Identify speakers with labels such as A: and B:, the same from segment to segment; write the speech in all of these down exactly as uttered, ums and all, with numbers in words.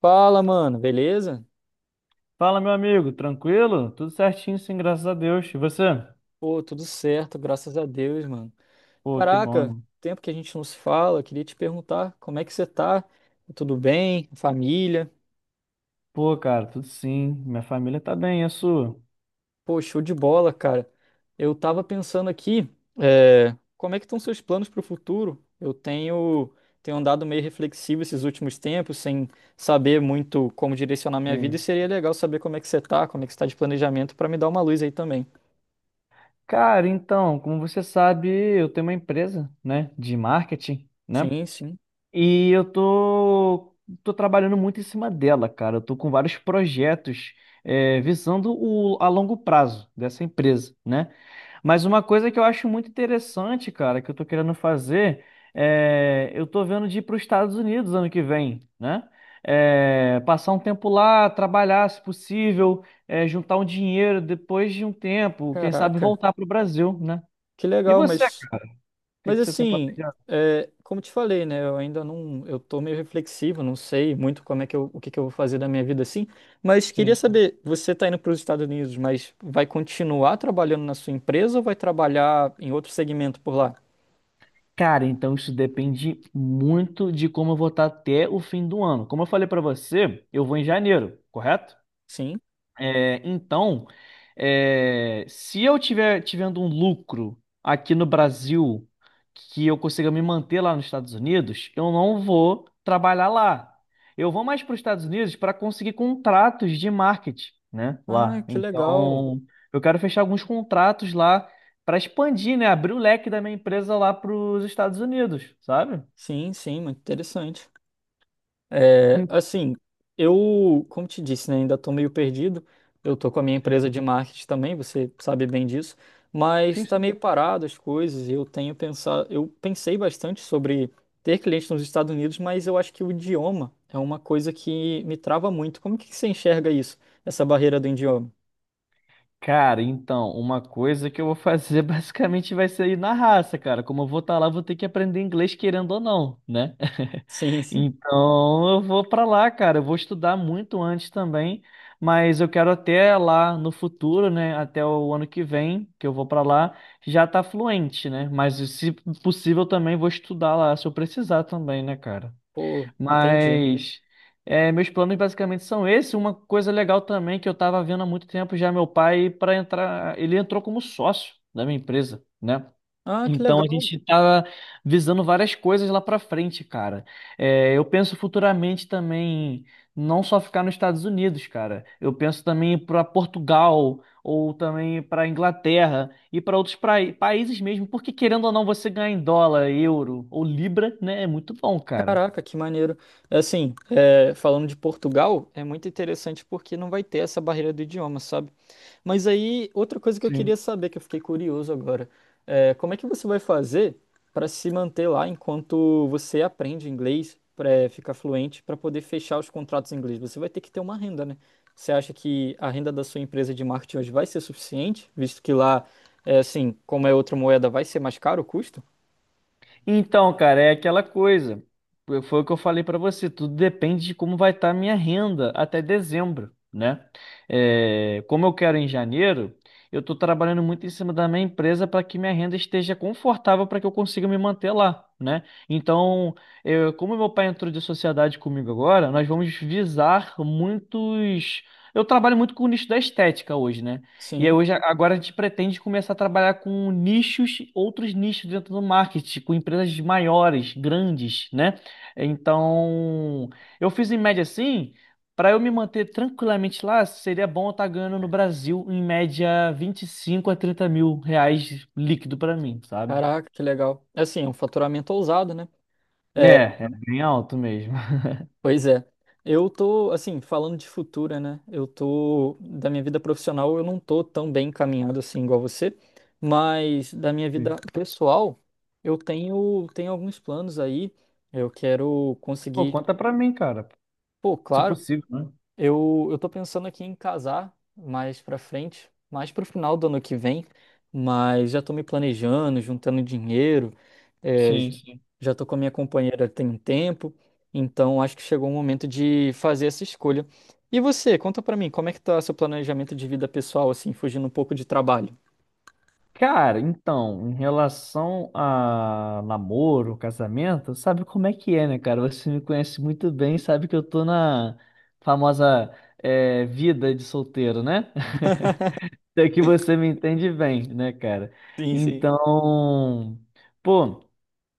A: Fala, mano, beleza?
B: Fala, meu amigo, tranquilo? Tudo certinho, sim, graças a Deus. E você?
A: Pô, tudo certo, graças a Deus, mano.
B: Pô, que bom,
A: Caraca,
B: irmão.
A: tempo que a gente não se fala, queria te perguntar como é que você tá? Tudo bem? Família?
B: Pô, cara, tudo sim. Minha família tá bem, e a sua?
A: Pô, show de bola, cara. Eu tava pensando aqui, é, Como é que estão seus planos pro futuro? Eu tenho, tenho andado meio reflexivo esses últimos tempos, sem saber muito como direcionar minha vida, e
B: Sim.
A: seria legal saber como é que você tá, como é que você tá de planejamento, pra me dar uma luz aí também.
B: Cara, então, como você sabe, eu tenho uma empresa, né, de marketing, né?
A: Sim, sim.
B: E eu tô, tô trabalhando muito em cima dela, cara. Eu tô com vários projetos, é, visando o, a longo prazo dessa empresa, né? Mas uma coisa que eu acho muito interessante, cara, que eu tô querendo fazer, é... eu tô vendo de ir para os Estados Unidos ano que vem, né? É, passar um tempo lá, trabalhar, se possível, é, juntar um dinheiro depois de um tempo, quem sabe
A: Caraca,
B: voltar para o Brasil, né?
A: que
B: E
A: legal,
B: você,
A: mas...
B: cara? O que
A: Mas
B: que você tem
A: assim,
B: planejado?
A: é, como te falei, né? Eu ainda não, eu tô meio reflexivo, não sei muito como é que eu, o que que eu vou fazer da minha vida assim. Mas queria
B: Sim. sim.
A: saber, você tá indo para os Estados Unidos, mas vai continuar trabalhando na sua empresa ou vai trabalhar em outro segmento por lá?
B: Cara, então isso depende muito de como eu vou estar até o fim do ano. Como eu falei para você, eu vou em janeiro, correto?
A: Sim.
B: É, então, é, se eu tiver tivendo um lucro aqui no Brasil que eu consiga me manter lá nos Estados Unidos, eu não vou trabalhar lá. Eu vou mais para os Estados Unidos para conseguir contratos de marketing, né?
A: Ah,
B: Lá.
A: que legal.
B: Então, eu quero fechar alguns contratos lá para expandir, né? Abrir o leque da minha empresa lá para os Estados Unidos, sabe?
A: Sim, sim, muito interessante. É, assim, eu, como te disse, né, ainda estou meio perdido. Eu estou com a minha empresa de
B: Sim,
A: marketing também, você sabe bem disso, mas está
B: sim.
A: meio parado as coisas. Eu tenho pensado, eu pensei bastante sobre ter clientes nos Estados Unidos, mas eu acho que o idioma é uma coisa que me trava muito. Como que você enxerga isso, essa barreira do idioma?
B: Cara, então, uma coisa que eu vou fazer basicamente vai ser ir na raça, cara. Como eu vou estar lá, eu vou ter que aprender inglês querendo ou não, né?
A: Sim, sim.
B: Então, eu vou pra lá, cara. Eu vou estudar muito antes também, mas eu quero até lá no futuro, né? Até o ano que vem, que eu vou pra lá, já tá fluente, né? Mas se possível também vou estudar lá se eu precisar também, né, cara?
A: Pô, entendi.
B: Mas é, meus planos basicamente são esses. Uma coisa legal também que eu estava vendo há muito tempo já meu pai para entrar, ele entrou como sócio da minha empresa, né?
A: Ah, que
B: Então a
A: legal.
B: gente estava visando várias coisas lá para frente, cara. É, eu penso futuramente também não só ficar nos Estados Unidos, cara. Eu penso também para Portugal ou também para Inglaterra e para outros prai- países mesmo, porque querendo ou não você ganhar em dólar, euro ou libra, né? É muito bom, cara.
A: Caraca, que maneiro. É assim, é, falando de Portugal, é muito interessante porque não vai ter essa barreira do idioma, sabe? Mas aí, outra coisa que eu queria saber, que eu fiquei curioso agora, é como é que você vai fazer para se manter lá enquanto você aprende inglês, para ficar fluente, para poder fechar os contratos em inglês? Você vai ter que ter uma renda, né? Você acha que a renda da sua empresa de marketing hoje vai ser suficiente, visto que lá, é, assim, como é outra moeda, vai ser mais caro o custo?
B: Então, cara, é aquela coisa. Foi foi o que eu falei pra você. Tudo depende de como vai estar a minha renda até dezembro, né? É, como eu quero em janeiro, eu estou trabalhando muito em cima da minha empresa para que minha renda esteja confortável para que eu consiga me manter lá, né? Então, eu- como meu pai entrou de sociedade comigo agora, nós vamos visar muitos. Eu trabalho muito com o nicho da estética hoje, né? E aí
A: Sim.
B: hoje, agora a gente pretende começar a trabalhar com nichos, outros nichos dentro do marketing, com empresas maiores, grandes, né? Então, eu fiz em média assim, para eu me manter tranquilamente lá, seria bom eu estar ganhando no Brasil em média vinte e cinco a trinta mil reais líquido para mim, sabe?
A: Caraca, que legal. É assim, é um faturamento ousado, né? É,
B: É, é bem alto mesmo.
A: pois é. Eu tô, assim, falando de futura, né? Eu tô, da minha vida profissional, eu não tô tão bem encaminhado assim igual você, mas da minha vida pessoal, eu tenho, tenho alguns planos aí. Eu quero
B: Pô,
A: conseguir,
B: conta pra mim, cara,
A: pô,
B: se
A: claro.
B: possível, né?
A: Eu, eu tô pensando aqui em casar mais pra frente, mais pro final do ano que vem, mas já tô me planejando, juntando dinheiro, é,
B: Sim,
A: j-
B: sim.
A: já tô com a minha companheira tem um tempo, então acho que chegou o momento de fazer essa escolha. E você, conta pra mim, como é que tá seu planejamento de vida pessoal, assim, fugindo um pouco de trabalho?
B: Cara, então, em relação a namoro, casamento, sabe como é que é, né, cara? Você me conhece muito bem, sabe que eu tô na famosa eh, vida de solteiro, né? Até que você me entende bem, né, cara?
A: Sim, sim.
B: Então, pô,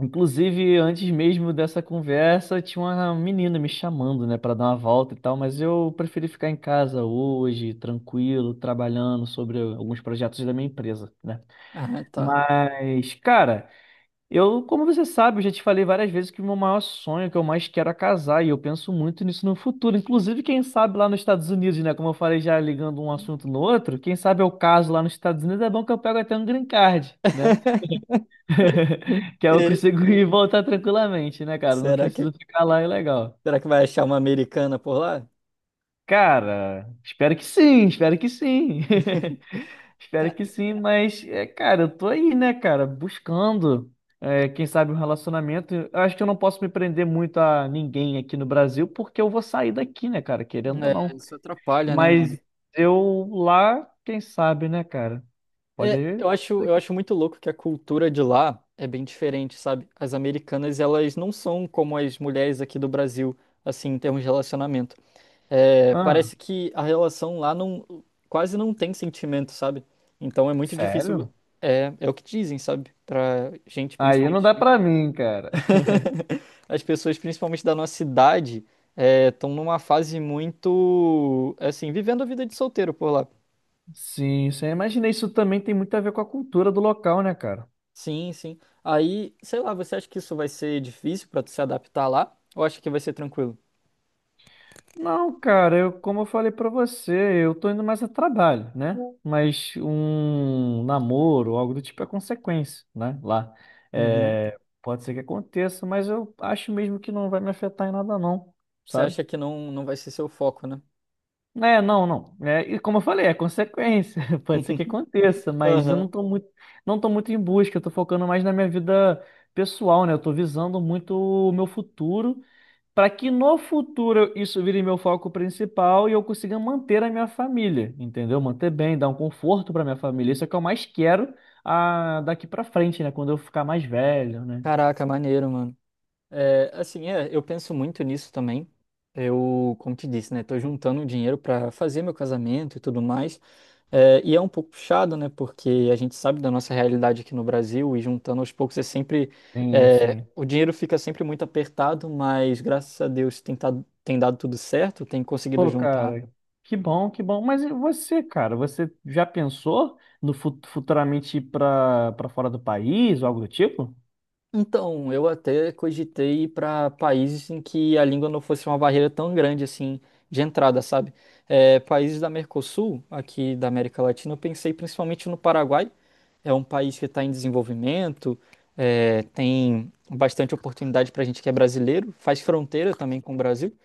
B: inclusive antes mesmo dessa conversa, tinha uma menina me chamando, né, pra dar uma volta e tal, mas eu preferi ficar em casa hoje, tranquilo, trabalhando sobre alguns projetos da minha empresa, né?
A: Ah, tá.
B: Mas, cara, eu, como você sabe, eu já te falei várias vezes que o meu maior sonho, que eu mais quero é casar, e eu penso muito nisso no futuro. Inclusive, quem sabe lá nos Estados Unidos, né? Como eu falei já ligando um assunto no outro, quem sabe eu caso lá nos Estados Unidos, é bom que eu pego até um green card, né? Que aí eu
A: E
B: consigo ir e voltar tranquilamente, né, cara? Eu Não
A: será que,
B: preciso ficar lá, é legal.
A: será que vai achar uma americana por lá?
B: Cara, espero que sim, espero que sim. Espero
A: Ca-
B: que sim, mas, é, cara, eu tô aí, né, cara, buscando, é, quem sabe um relacionamento. Eu acho que eu não posso me prender muito a ninguém aqui no Brasil, porque eu vou sair daqui, né, cara, querendo ou
A: É,
B: não.
A: isso atrapalha, né, mano?
B: Mas eu lá, quem sabe, né, cara? Pode
A: É,
B: aí.
A: eu acho, eu acho muito louco que a cultura de lá é bem diferente, sabe? As americanas, elas não são como as mulheres aqui do Brasil, assim, em termos de relacionamento. É,
B: Ah,
A: parece que a relação lá não, quase não tem sentimento, sabe? Então é muito difícil,
B: sério?
A: é, é o que dizem, sabe? Pra gente,
B: Aí não dá
A: principalmente.
B: pra mim, cara.
A: As pessoas, principalmente da nossa idade, estão numa fase muito, assim, vivendo a vida de solteiro por lá.
B: Sim, sim. eu Imaginei isso também tem muito a ver com a cultura do local, né, cara?
A: Sim, sim. Aí, sei lá, você acha que isso vai ser difícil pra tu se adaptar lá? Ou acha que vai ser tranquilo?
B: Não, cara, eu, como eu falei pra você, eu tô indo mais a trabalho, né? Mas um namoro, algo do tipo, é consequência, né? Lá.
A: Uhum.
B: É, pode ser que aconteça, mas eu acho mesmo que não vai me afetar em nada, não,
A: Você
B: sabe?
A: acha que não, não vai ser seu foco, né?
B: É, não, não. É, e como eu falei, é consequência. Pode ser que aconteça, mas eu não
A: Aham.
B: tô muito, não tô muito em busca, eu tô focando mais na minha vida pessoal, né? Eu tô visando muito o meu futuro para que no futuro isso vire meu foco principal e eu consiga manter a minha família, entendeu? Manter bem, dar um conforto para minha família. Isso é o que eu mais quero ah, daqui para frente, né? Quando eu ficar mais velho, né?
A: Caraca, maneiro, mano. É, assim, é, eu penso muito nisso também. Eu, como te disse, né? Tô juntando dinheiro pra fazer meu casamento e tudo mais. É, e é um pouco puxado, né? Porque a gente sabe da nossa realidade aqui no Brasil e juntando aos poucos é sempre...
B: Sim,
A: é,
B: sim.
A: o dinheiro fica sempre muito apertado, mas graças a Deus tem, tado- tem dado tudo certo, tem conseguido
B: Pô,
A: juntar.
B: cara, que bom, que bom. Mas e você, cara, você já pensou no fu- futuramente ir para para fora do país ou algo do tipo?
A: Então, eu até cogitei ir para países em que a língua não fosse uma barreira tão grande assim de entrada, sabe? É, países da Mercosul, aqui da América Latina, eu pensei principalmente no Paraguai. É um país que está em desenvolvimento, é, tem bastante oportunidade para a gente que é brasileiro, faz fronteira também com o Brasil.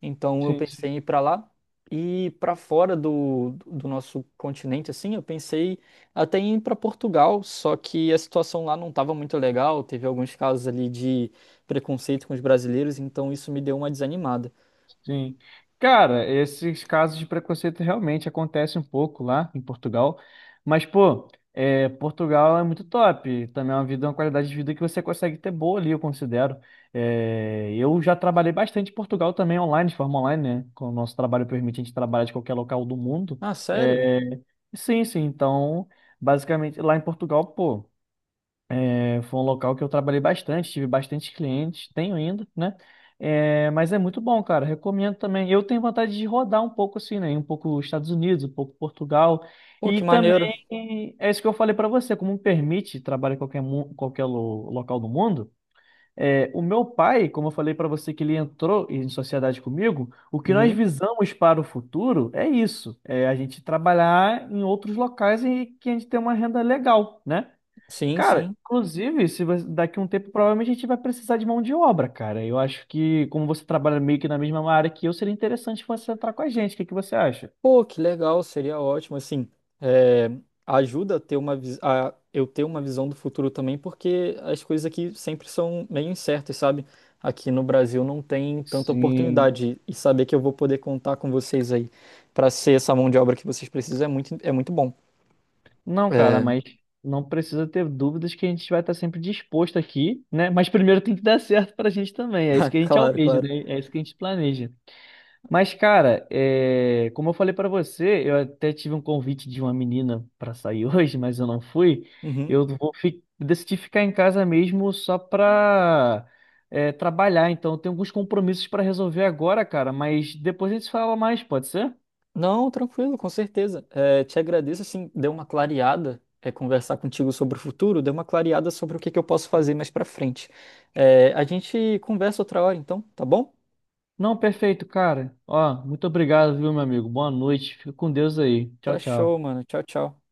A: Então, eu
B: Sim,
A: pensei
B: sim.
A: em ir para lá. E para fora do, do nosso continente, assim, eu pensei até ir para Portugal, só que a situação lá não estava muito legal, teve alguns casos ali de preconceito com os brasileiros, então isso me deu uma desanimada.
B: Sim. Cara, esses casos de preconceito realmente acontecem um pouco lá em Portugal. Mas, pô, é, Portugal é muito top. Também é uma vida, uma qualidade de vida que você consegue ter boa ali, eu considero. É, eu já trabalhei bastante em Portugal também online, de forma online, né? Com o nosso trabalho permite a gente trabalhar de qualquer local do mundo.
A: Ah, sério?
B: É, sim, sim. Então, basicamente, lá em Portugal, pô. É, foi um local que eu trabalhei bastante, tive bastante clientes, tenho ainda, né? É, mas é muito bom, cara. Recomendo também. Eu tenho vontade de rodar um pouco assim, né? Um pouco os Estados Unidos, um pouco Portugal.
A: Pô, que
B: E também
A: maneiro.
B: é isso que eu falei pra você, como permite trabalhar em qualquer, mu- qualquer lo- local do mundo. É, o meu pai, como eu falei pra você que ele entrou em sociedade comigo, o que nós
A: Uhum.
B: visamos para o futuro é isso, é a gente trabalhar em outros locais e que a gente tem uma renda legal, né?
A: Sim,
B: Cara,
A: sim.
B: inclusive, se você- daqui a um tempo provavelmente a gente vai precisar de mão de obra, cara. Eu acho que, como você trabalha meio que na mesma área que eu, seria interessante você entrar com a gente. O que que você acha?
A: Pô, que legal, seria ótimo, assim, é, ajuda a ter uma, vis- a eu ter uma visão do futuro também, porque as coisas aqui sempre são meio incertas, sabe? Aqui no Brasil não tem tanta
B: Sim.
A: oportunidade, e saber que eu vou poder contar com vocês aí para ser essa mão de obra que vocês precisam é muito, é muito bom.
B: Não, cara,
A: É,
B: mas não precisa ter dúvidas que a gente vai estar sempre disposto aqui, né? Mas primeiro tem que dar certo pra gente também. É
A: ah,
B: isso que a gente
A: claro,
B: almeja,
A: claro.
B: né? É isso que a gente planeja. Mas, cara, é, como eu falei pra você, eu até tive um convite de uma menina pra sair hoje, mas eu não fui.
A: Uhum.
B: Eu vou fi... decidi ficar em casa mesmo só pra é, trabalhar. Então, eu tenho alguns compromissos pra resolver agora, cara. Mas depois a gente fala mais, pode ser?
A: Não, tranquilo, com certeza. É, te agradeço, assim, deu uma clareada, é, conversar contigo sobre o futuro, deu uma clareada sobre o que que eu posso fazer mais pra frente. É, a gente conversa outra hora, então, tá bom?
B: Não, perfeito, cara. Ó, muito obrigado, viu, meu amigo? Boa noite. Fica com Deus aí. Tchau,
A: Tá show,
B: tchau.
A: mano. Tchau, tchau.